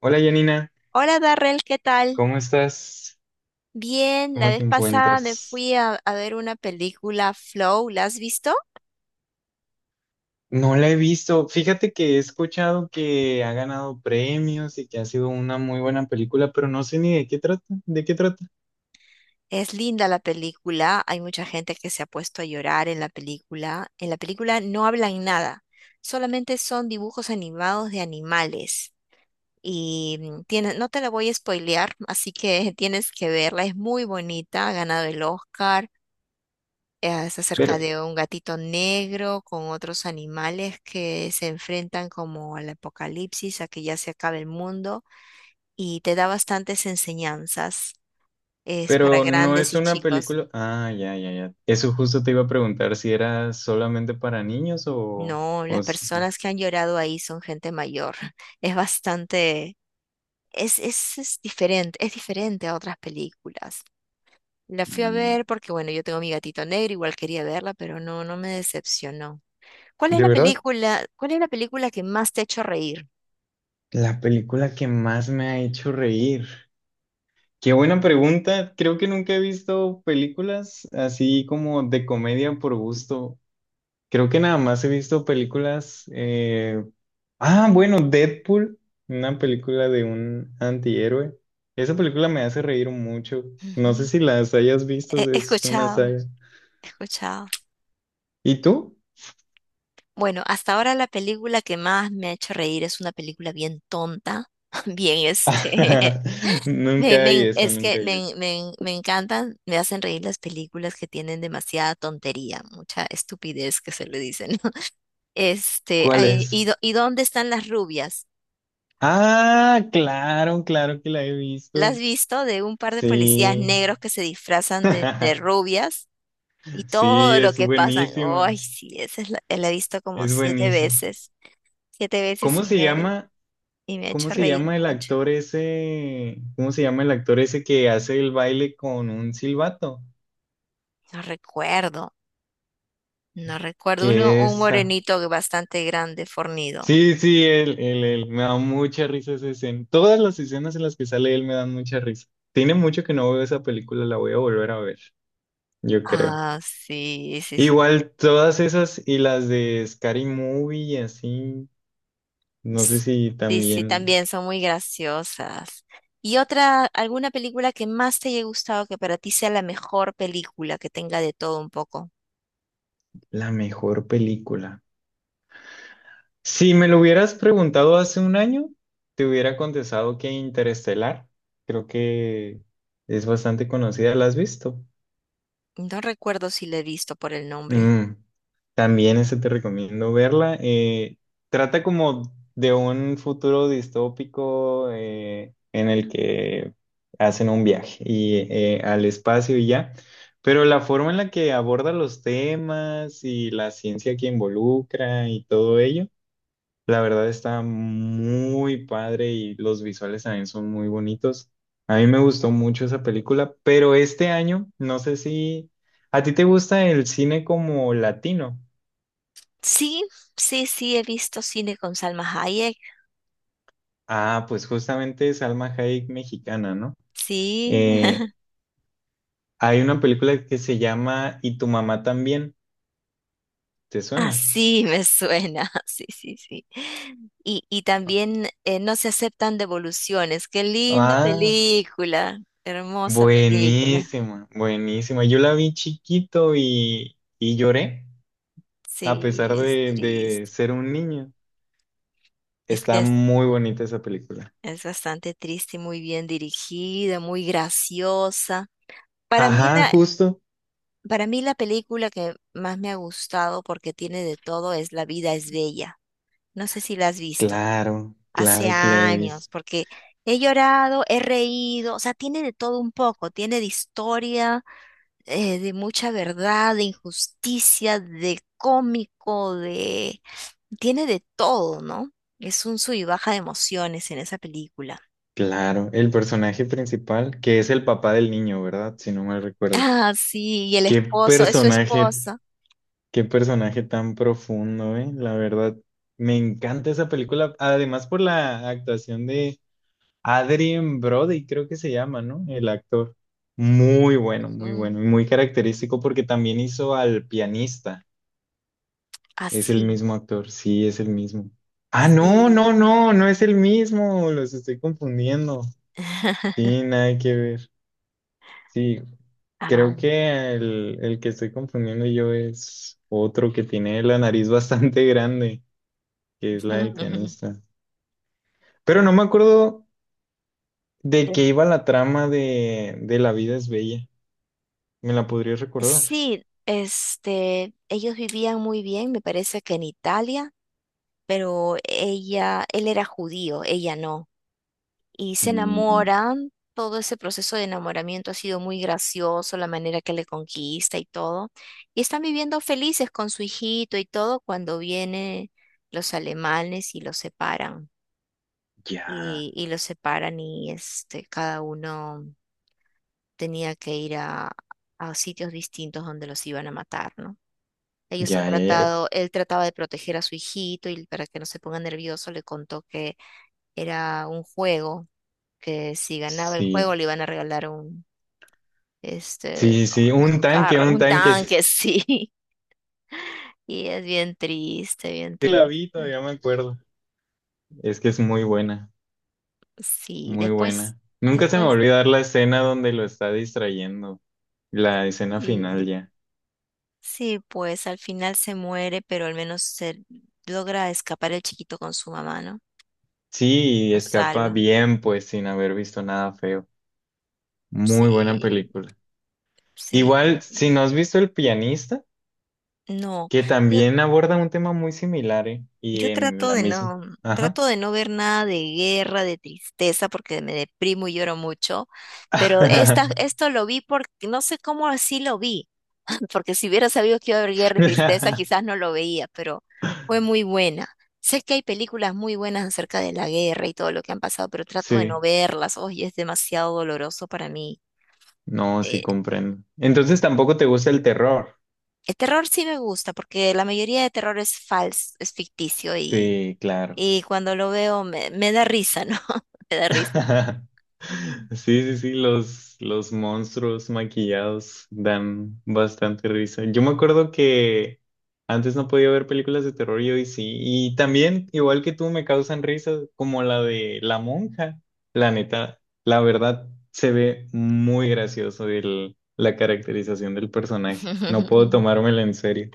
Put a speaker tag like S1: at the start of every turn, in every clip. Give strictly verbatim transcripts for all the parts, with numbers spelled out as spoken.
S1: Hola Janina,
S2: Hola Darrell, ¿qué tal?
S1: ¿cómo estás?
S2: Bien, la
S1: ¿Cómo
S2: vez
S1: te
S2: pasada me
S1: encuentras?
S2: fui a, a ver una película Flow, ¿la has visto?
S1: No la he visto. Fíjate que he escuchado que ha ganado premios y que ha sido una muy buena película, pero no sé ni de qué trata, de qué trata.
S2: Es linda la película, hay mucha gente que se ha puesto a llorar en la película. En la película no hablan nada, solamente son dibujos animados de animales. Y mm, tiene- no te la voy a spoilear, así que tienes que verla, es muy bonita, ha ganado el Oscar. Eh, Es acerca
S1: Pero,
S2: de un gatito negro con otros animales que se enfrentan como al apocalipsis, a que ya se acabe el mundo, y te da bastantes enseñanzas. Es para
S1: pero no
S2: grandes
S1: es
S2: y
S1: una
S2: chicos.
S1: película. Ah, ya, ya, ya. Eso justo te iba a preguntar si era solamente para niños o,
S2: No,
S1: o
S2: las
S1: s-
S2: personas que han llorado ahí son gente mayor. Es bastante, es, es, es diferente, es diferente a otras películas. La fui a
S1: mm,
S2: ver porque, bueno, yo tengo mi gatito negro, igual quería verla, pero no, no me decepcionó. ¿Cuál es
S1: ¿De
S2: la
S1: verdad?
S2: película, cuál es la película que más te ha hecho reír?
S1: La película que más me ha hecho reír. Qué buena pregunta. Creo que nunca he visto películas así como de comedia por gusto. Creo que nada más he visto películas. eh, Ah, bueno, Deadpool, una película de un antihéroe. Esa película me hace reír mucho. No sé
S2: Ujú.
S1: si las hayas visto,
S2: He he
S1: es una
S2: escuchado,
S1: saga.
S2: he escuchado.
S1: ¿Y tú?
S2: Bueno, hasta ahora la película que más me ha hecho reír es una película bien tonta, bien este. Me,
S1: Nunca
S2: me
S1: hay
S2: en-
S1: eso,
S2: es que
S1: nunca hay
S2: me,
S1: eso.
S2: en- me, en- me encantan, me hacen reír las películas que tienen demasiada tontería, mucha estupidez que se le dicen. Este,
S1: ¿Cuál
S2: ay,
S1: es?
S2: ¿y, dó- y dónde están las rubias?
S1: Ah, claro, claro que la he
S2: ¿La
S1: visto.
S2: has visto de un par de policías
S1: Sí.
S2: negros que se disfrazan de, de rubias y todo
S1: Sí,
S2: lo
S1: es
S2: que pasan?
S1: buenísima,
S2: Ay, sí, esa es la, eh, la he visto como
S1: es
S2: siete
S1: buenísimo.
S2: veces, siete veces
S1: ¿Cómo
S2: y
S1: se
S2: me,
S1: llama?
S2: y me ha
S1: ¿Cómo
S2: hecho
S1: se
S2: reír
S1: llama el
S2: mucho.
S1: actor ese? ¿Cómo se llama el actor ese que hace el baile con un silbato?
S2: No recuerdo, no recuerdo. Uno,
S1: ¿Que
S2: un
S1: es? Ah,
S2: morenito bastante grande, fornido.
S1: sí, sí, él, él, él. Me da mucha risa esa escena. Todas las escenas en las que sale él me dan mucha risa. Tiene mucho que no veo esa película, la voy a volver a ver, yo creo.
S2: Ah, sí, sí, sí.
S1: Igual todas esas y las de Scary Movie y así, no sé
S2: Ts-
S1: si
S2: Sí, sí,
S1: también
S2: también son muy graciosas. ¿Y otra, alguna película que más te haya gustado que para ti sea la mejor película que tenga de todo un poco?
S1: la mejor película. Si me lo hubieras preguntado hace un año, te hubiera contestado que Interestelar. Creo que es bastante conocida, ¿la has visto?
S2: No recuerdo si la he visto por el nombre.
S1: Mm, también esa te recomiendo verla. Eh, trata como de un futuro distópico eh, en el que hacen un viaje y, eh, al espacio y ya. Pero la forma en la que aborda los temas y la ciencia que involucra y todo ello. La verdad está muy padre y los visuales también son muy bonitos. A mí me gustó mucho esa película, pero este año, no sé si a ti te gusta el cine como latino.
S2: Sí, sí, sí, he visto cine con Salma Hayek.
S1: Ah, pues justamente Salma Hayek mexicana, ¿no?
S2: Sí,
S1: Eh, hay una película que se llama Y tu mamá también, ¿te suena?
S2: así me suena. Sí, sí, sí. Y, y también eh, No se aceptan devoluciones. Qué linda
S1: Ah,
S2: película. Hermosa película.
S1: buenísima, buenísima. Yo la vi chiquito y, y lloré a
S2: Sí,
S1: pesar
S2: es
S1: de, de
S2: triste.
S1: ser un niño.
S2: Es que
S1: Está
S2: es,
S1: muy bonita esa película.
S2: es bastante triste y muy bien dirigida, muy graciosa. Para mí
S1: Ajá,
S2: la,
S1: justo.
S2: para mí la película que más me ha gustado porque tiene de todo es La vida es bella. No sé si la has visto.
S1: Claro,
S2: Hace
S1: claro que la he
S2: años,
S1: visto.
S2: porque he llorado, he reído, o sea, tiene de todo un poco, tiene de historia, eh, de mucha verdad, de injusticia, de cómico, de... Tiene de todo, ¿no? Es un sub y baja de emociones en esa película.
S1: Claro, el personaje principal, que es el papá del niño, ¿verdad? Si no mal recuerdo.
S2: Ah, sí, y el
S1: Qué
S2: esposo, es su
S1: personaje,
S2: esposa.
S1: qué personaje tan profundo, ¿eh? La verdad, me encanta esa película. Además por la actuación de Adrien Brody, creo que se llama, ¿no? El actor. Muy bueno, muy
S2: Mm,
S1: bueno y muy característico porque también hizo al pianista. Es el
S2: así,
S1: mismo actor, sí, es el mismo. Ah, no, no,
S2: sí.
S1: no, no es el mismo, los estoy confundiendo. Sí, nada que ver. Sí, creo
S2: Ah,
S1: que el, el que estoy confundiendo yo es otro que tiene la nariz bastante grande, que es la del pianista. Pero no me acuerdo de, qué iba la trama de, de La vida es bella. ¿Me la podrías recordar?
S2: sí, este, ellos vivían muy bien, me parece que en Italia, pero ella, él era judío, ella no. Y se
S1: Mm,
S2: enamoran, todo ese proceso de enamoramiento ha sido muy gracioso, la manera que le conquista y todo. Y están viviendo felices con su hijito y todo cuando vienen los alemanes y los separan.
S1: ya,
S2: Y, y los separan y este, cada uno tenía que ir a, a sitios distintos donde los iban a matar, ¿no? Ellos han
S1: ya, ya, ya.
S2: tratado, él trataba de proteger a su hijito y para que no se ponga nervioso le contó que era un juego, que si ganaba el juego
S1: Sí,
S2: le iban a regalar un, este,
S1: sí, sí,
S2: como
S1: un
S2: esos
S1: tanque,
S2: carros,
S1: un
S2: un
S1: tanque, sí
S2: tanque, sí. Y es bien triste, bien
S1: la
S2: triste.
S1: vi, todavía me acuerdo. Es que es muy buena,
S2: Sí,
S1: muy
S2: después,
S1: buena. Nunca se me va a
S2: después,
S1: olvidar la escena donde lo está distrayendo, la escena final
S2: sí,
S1: ya.
S2: sí, pues al final se muere, pero al menos se logra escapar el chiquito con su mamá, ¿no?
S1: Sí, y
S2: Lo
S1: escapa
S2: salva.
S1: bien, pues sin haber visto nada feo. Muy buena
S2: Sí,
S1: película.
S2: sí.
S1: Igual, si no has visto El pianista,
S2: No.
S1: que
S2: yo,
S1: también aborda un tema muy similar, ¿eh? Y
S2: Yo
S1: en
S2: trato
S1: la
S2: de
S1: misma.
S2: no,
S1: Ajá.
S2: trato de no ver nada de guerra, de tristeza, porque me deprimo y lloro mucho. Pero esta, esto lo vi porque no sé cómo así lo vi, porque si hubiera sabido que iba a haber guerra y tristeza, quizás no lo veía, pero fue muy buena. Sé que hay películas muy buenas acerca de la guerra y todo lo que han pasado, pero trato de no
S1: Sí,
S2: verlas. Oye, es demasiado doloroso para mí.
S1: no, sí
S2: Eh,
S1: comprendo. Entonces tampoco te gusta el terror.
S2: el terror sí me gusta, porque la mayoría de terror es falso, es ficticio y
S1: Sí, claro.
S2: Y cuando lo veo me, me da risa, ¿no? Me da risa.
S1: Sí, sí, sí, los, los monstruos maquillados dan bastante risa. Yo me acuerdo que antes no podía ver películas de terror y hoy sí. Y también, igual que tú, me causan risas como la de La Monja. La neta, la verdad, se ve muy gracioso el, la caracterización del personaje. No puedo tomármela en serio.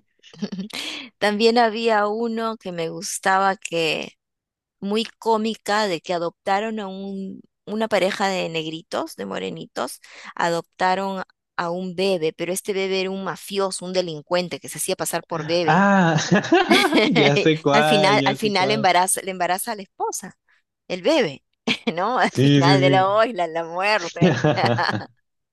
S2: También había uno que me gustaba que, muy cómica, de que adoptaron a un, una pareja de negritos, de morenitos, adoptaron a un bebé, pero este bebé era un mafioso, un delincuente que se hacía pasar por bebé.
S1: Ah, ya sé
S2: Al
S1: cuál,
S2: final, al
S1: ya sé
S2: final
S1: cuál.
S2: embaraza, le embaraza a la esposa, el bebé, ¿no? Al
S1: Sí, sí,
S2: final de
S1: sí.
S2: la ola, la muerte.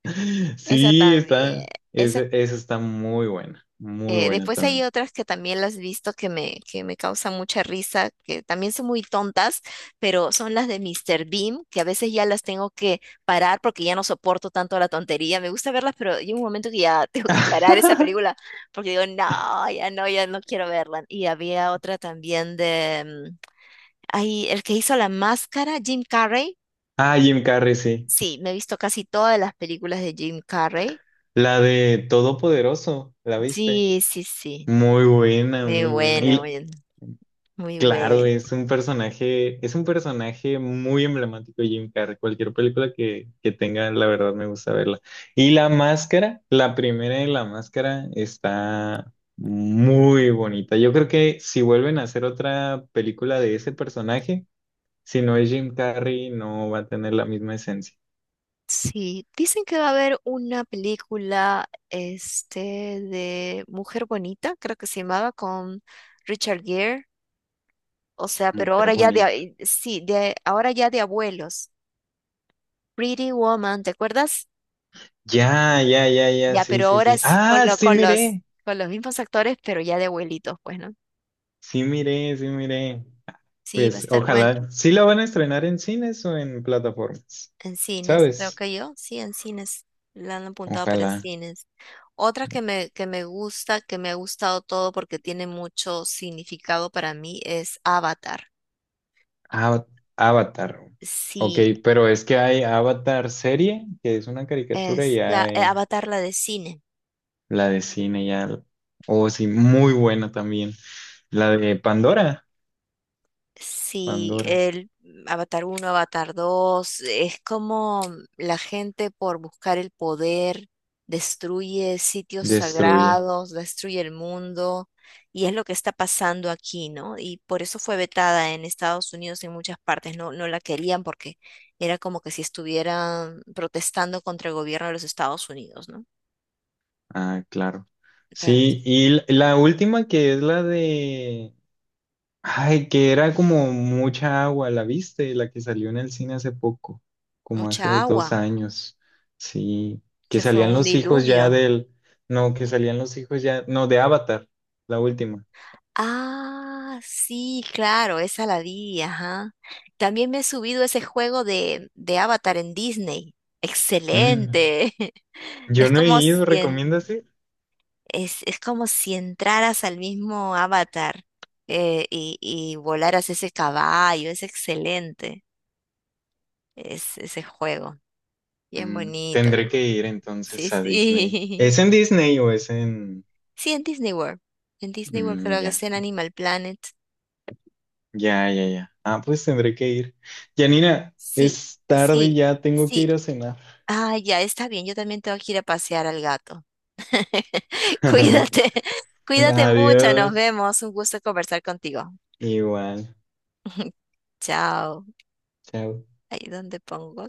S2: Esa
S1: Sí,
S2: también,
S1: está.
S2: esa
S1: Ese- Esa está muy buena. Muy
S2: Eh,
S1: buena
S2: después hay
S1: también.
S2: otras que también las he visto que me, que me causan mucha risa, que también son muy tontas, pero son las de mister Bean, que a veces ya las tengo que parar porque ya no soporto tanto la tontería. Me gusta verlas, pero hay un momento que ya tengo que parar esa película porque digo, no, ya no, ya no quiero verla. Y había otra también de, mm, ahí, el que hizo la máscara, Jim Carrey.
S1: Ah, Jim Carrey, sí.
S2: Sí, me he visto casi todas las películas de Jim Carrey.
S1: La de Todopoderoso, ¿la viste?
S2: Sí, sí, sí.
S1: Muy buena,
S2: Muy
S1: muy buena.
S2: buena,
S1: Y
S2: muy, muy
S1: claro,
S2: buena.
S1: es un personaje, es un personaje muy emblemático de Jim Carrey. Cualquier película que, que tenga, la verdad me gusta verla. Y La Máscara, la primera de La Máscara está muy bonita. Yo creo que si vuelven a hacer otra película de ese personaje, si no es Jim Carrey, no va a tener la misma esencia.
S2: Sí, dicen que va a haber una película este de Mujer Bonita, creo que se llamaba, con Richard Gere, o sea, pero
S1: Mujer
S2: ahora ya de,
S1: bonita.
S2: a- sí, de ahora ya de abuelos. Pretty Woman, ¿te acuerdas?
S1: Ya, ya, ya, ya,
S2: Ya,
S1: sí,
S2: pero
S1: sí,
S2: ahora
S1: sí.
S2: es con
S1: Ah,
S2: lo,
S1: sí,
S2: con los
S1: miré.
S2: con los mismos actores, pero ya de abuelitos, pues, ¿no?
S1: Sí, miré, sí, miré.
S2: Sí, va a
S1: Pues
S2: estar bueno
S1: ojalá. Sí la van a estrenar en cines o en plataformas.
S2: en cines, creo
S1: ¿Sabes?
S2: que yo, sí, en cines. La han apuntado para
S1: Ojalá.
S2: cines. Otra que me, que me gusta, que me ha gustado todo porque tiene mucho significado para mí es Avatar.
S1: Ava- Avatar. Ok,
S2: Sí,
S1: pero es que hay Avatar serie, que es una caricatura, y
S2: es la eh,
S1: hay
S2: Avatar la de cine.
S1: la de cine, ya. Oh, sí, muy buena también. La de Pandora.
S2: Sí,
S1: Pandora.
S2: el Avatar uno, Avatar dos, es como la gente por buscar el poder destruye sitios
S1: Destruye.
S2: sagrados, destruye el mundo, y es lo que está pasando aquí, ¿no? Y por eso fue vetada en Estados Unidos y en muchas partes, no, no la querían porque era como que si estuvieran protestando contra el gobierno de los Estados Unidos, ¿no?
S1: Ah, claro.
S2: Pero,
S1: Sí,
S2: sí,
S1: y l- la última que es la de... Ay, que era como mucha agua, ¿la viste? La que salió en el cine hace poco, como
S2: mucha
S1: hace dos
S2: agua,
S1: años. Sí, que
S2: que fue
S1: salían
S2: un
S1: los hijos ya
S2: diluvio.
S1: del... No, que salían los hijos ya... No, de Avatar, la última.
S2: Ah, sí, claro, esa la vi, ajá. También me he subido ese juego de, de Avatar en Disney.
S1: Mm,
S2: Excelente. Es
S1: yo no he
S2: como si
S1: ido,
S2: en-
S1: ¿recomiendas ir?
S2: es, es como si entraras al mismo Avatar eh, y, y volaras ese caballo. Es excelente es, ese juego. Bien
S1: Mm,
S2: bonito,
S1: Tendré
S2: bien
S1: que
S2: bonito.
S1: ir
S2: Sí,
S1: entonces a Disney.
S2: sí.
S1: ¿Es en Disney o es en...
S2: Sí, en Disney World. En Disney World
S1: Mm,
S2: creo que
S1: ya.
S2: es en Animal Planet.
S1: Ya, ya, ya. Ah, pues tendré que ir. Janina,
S2: Sí,
S1: es tarde y
S2: sí,
S1: ya tengo que
S2: sí.
S1: ir a cenar.
S2: Ah, ya está bien, yo también tengo que ir a pasear al gato. Cuídate, cuídate mucho, nos
S1: Adiós.
S2: vemos. Un gusto conversar contigo.
S1: Igual.
S2: Chao.
S1: Chao.
S2: Ahí donde pongo.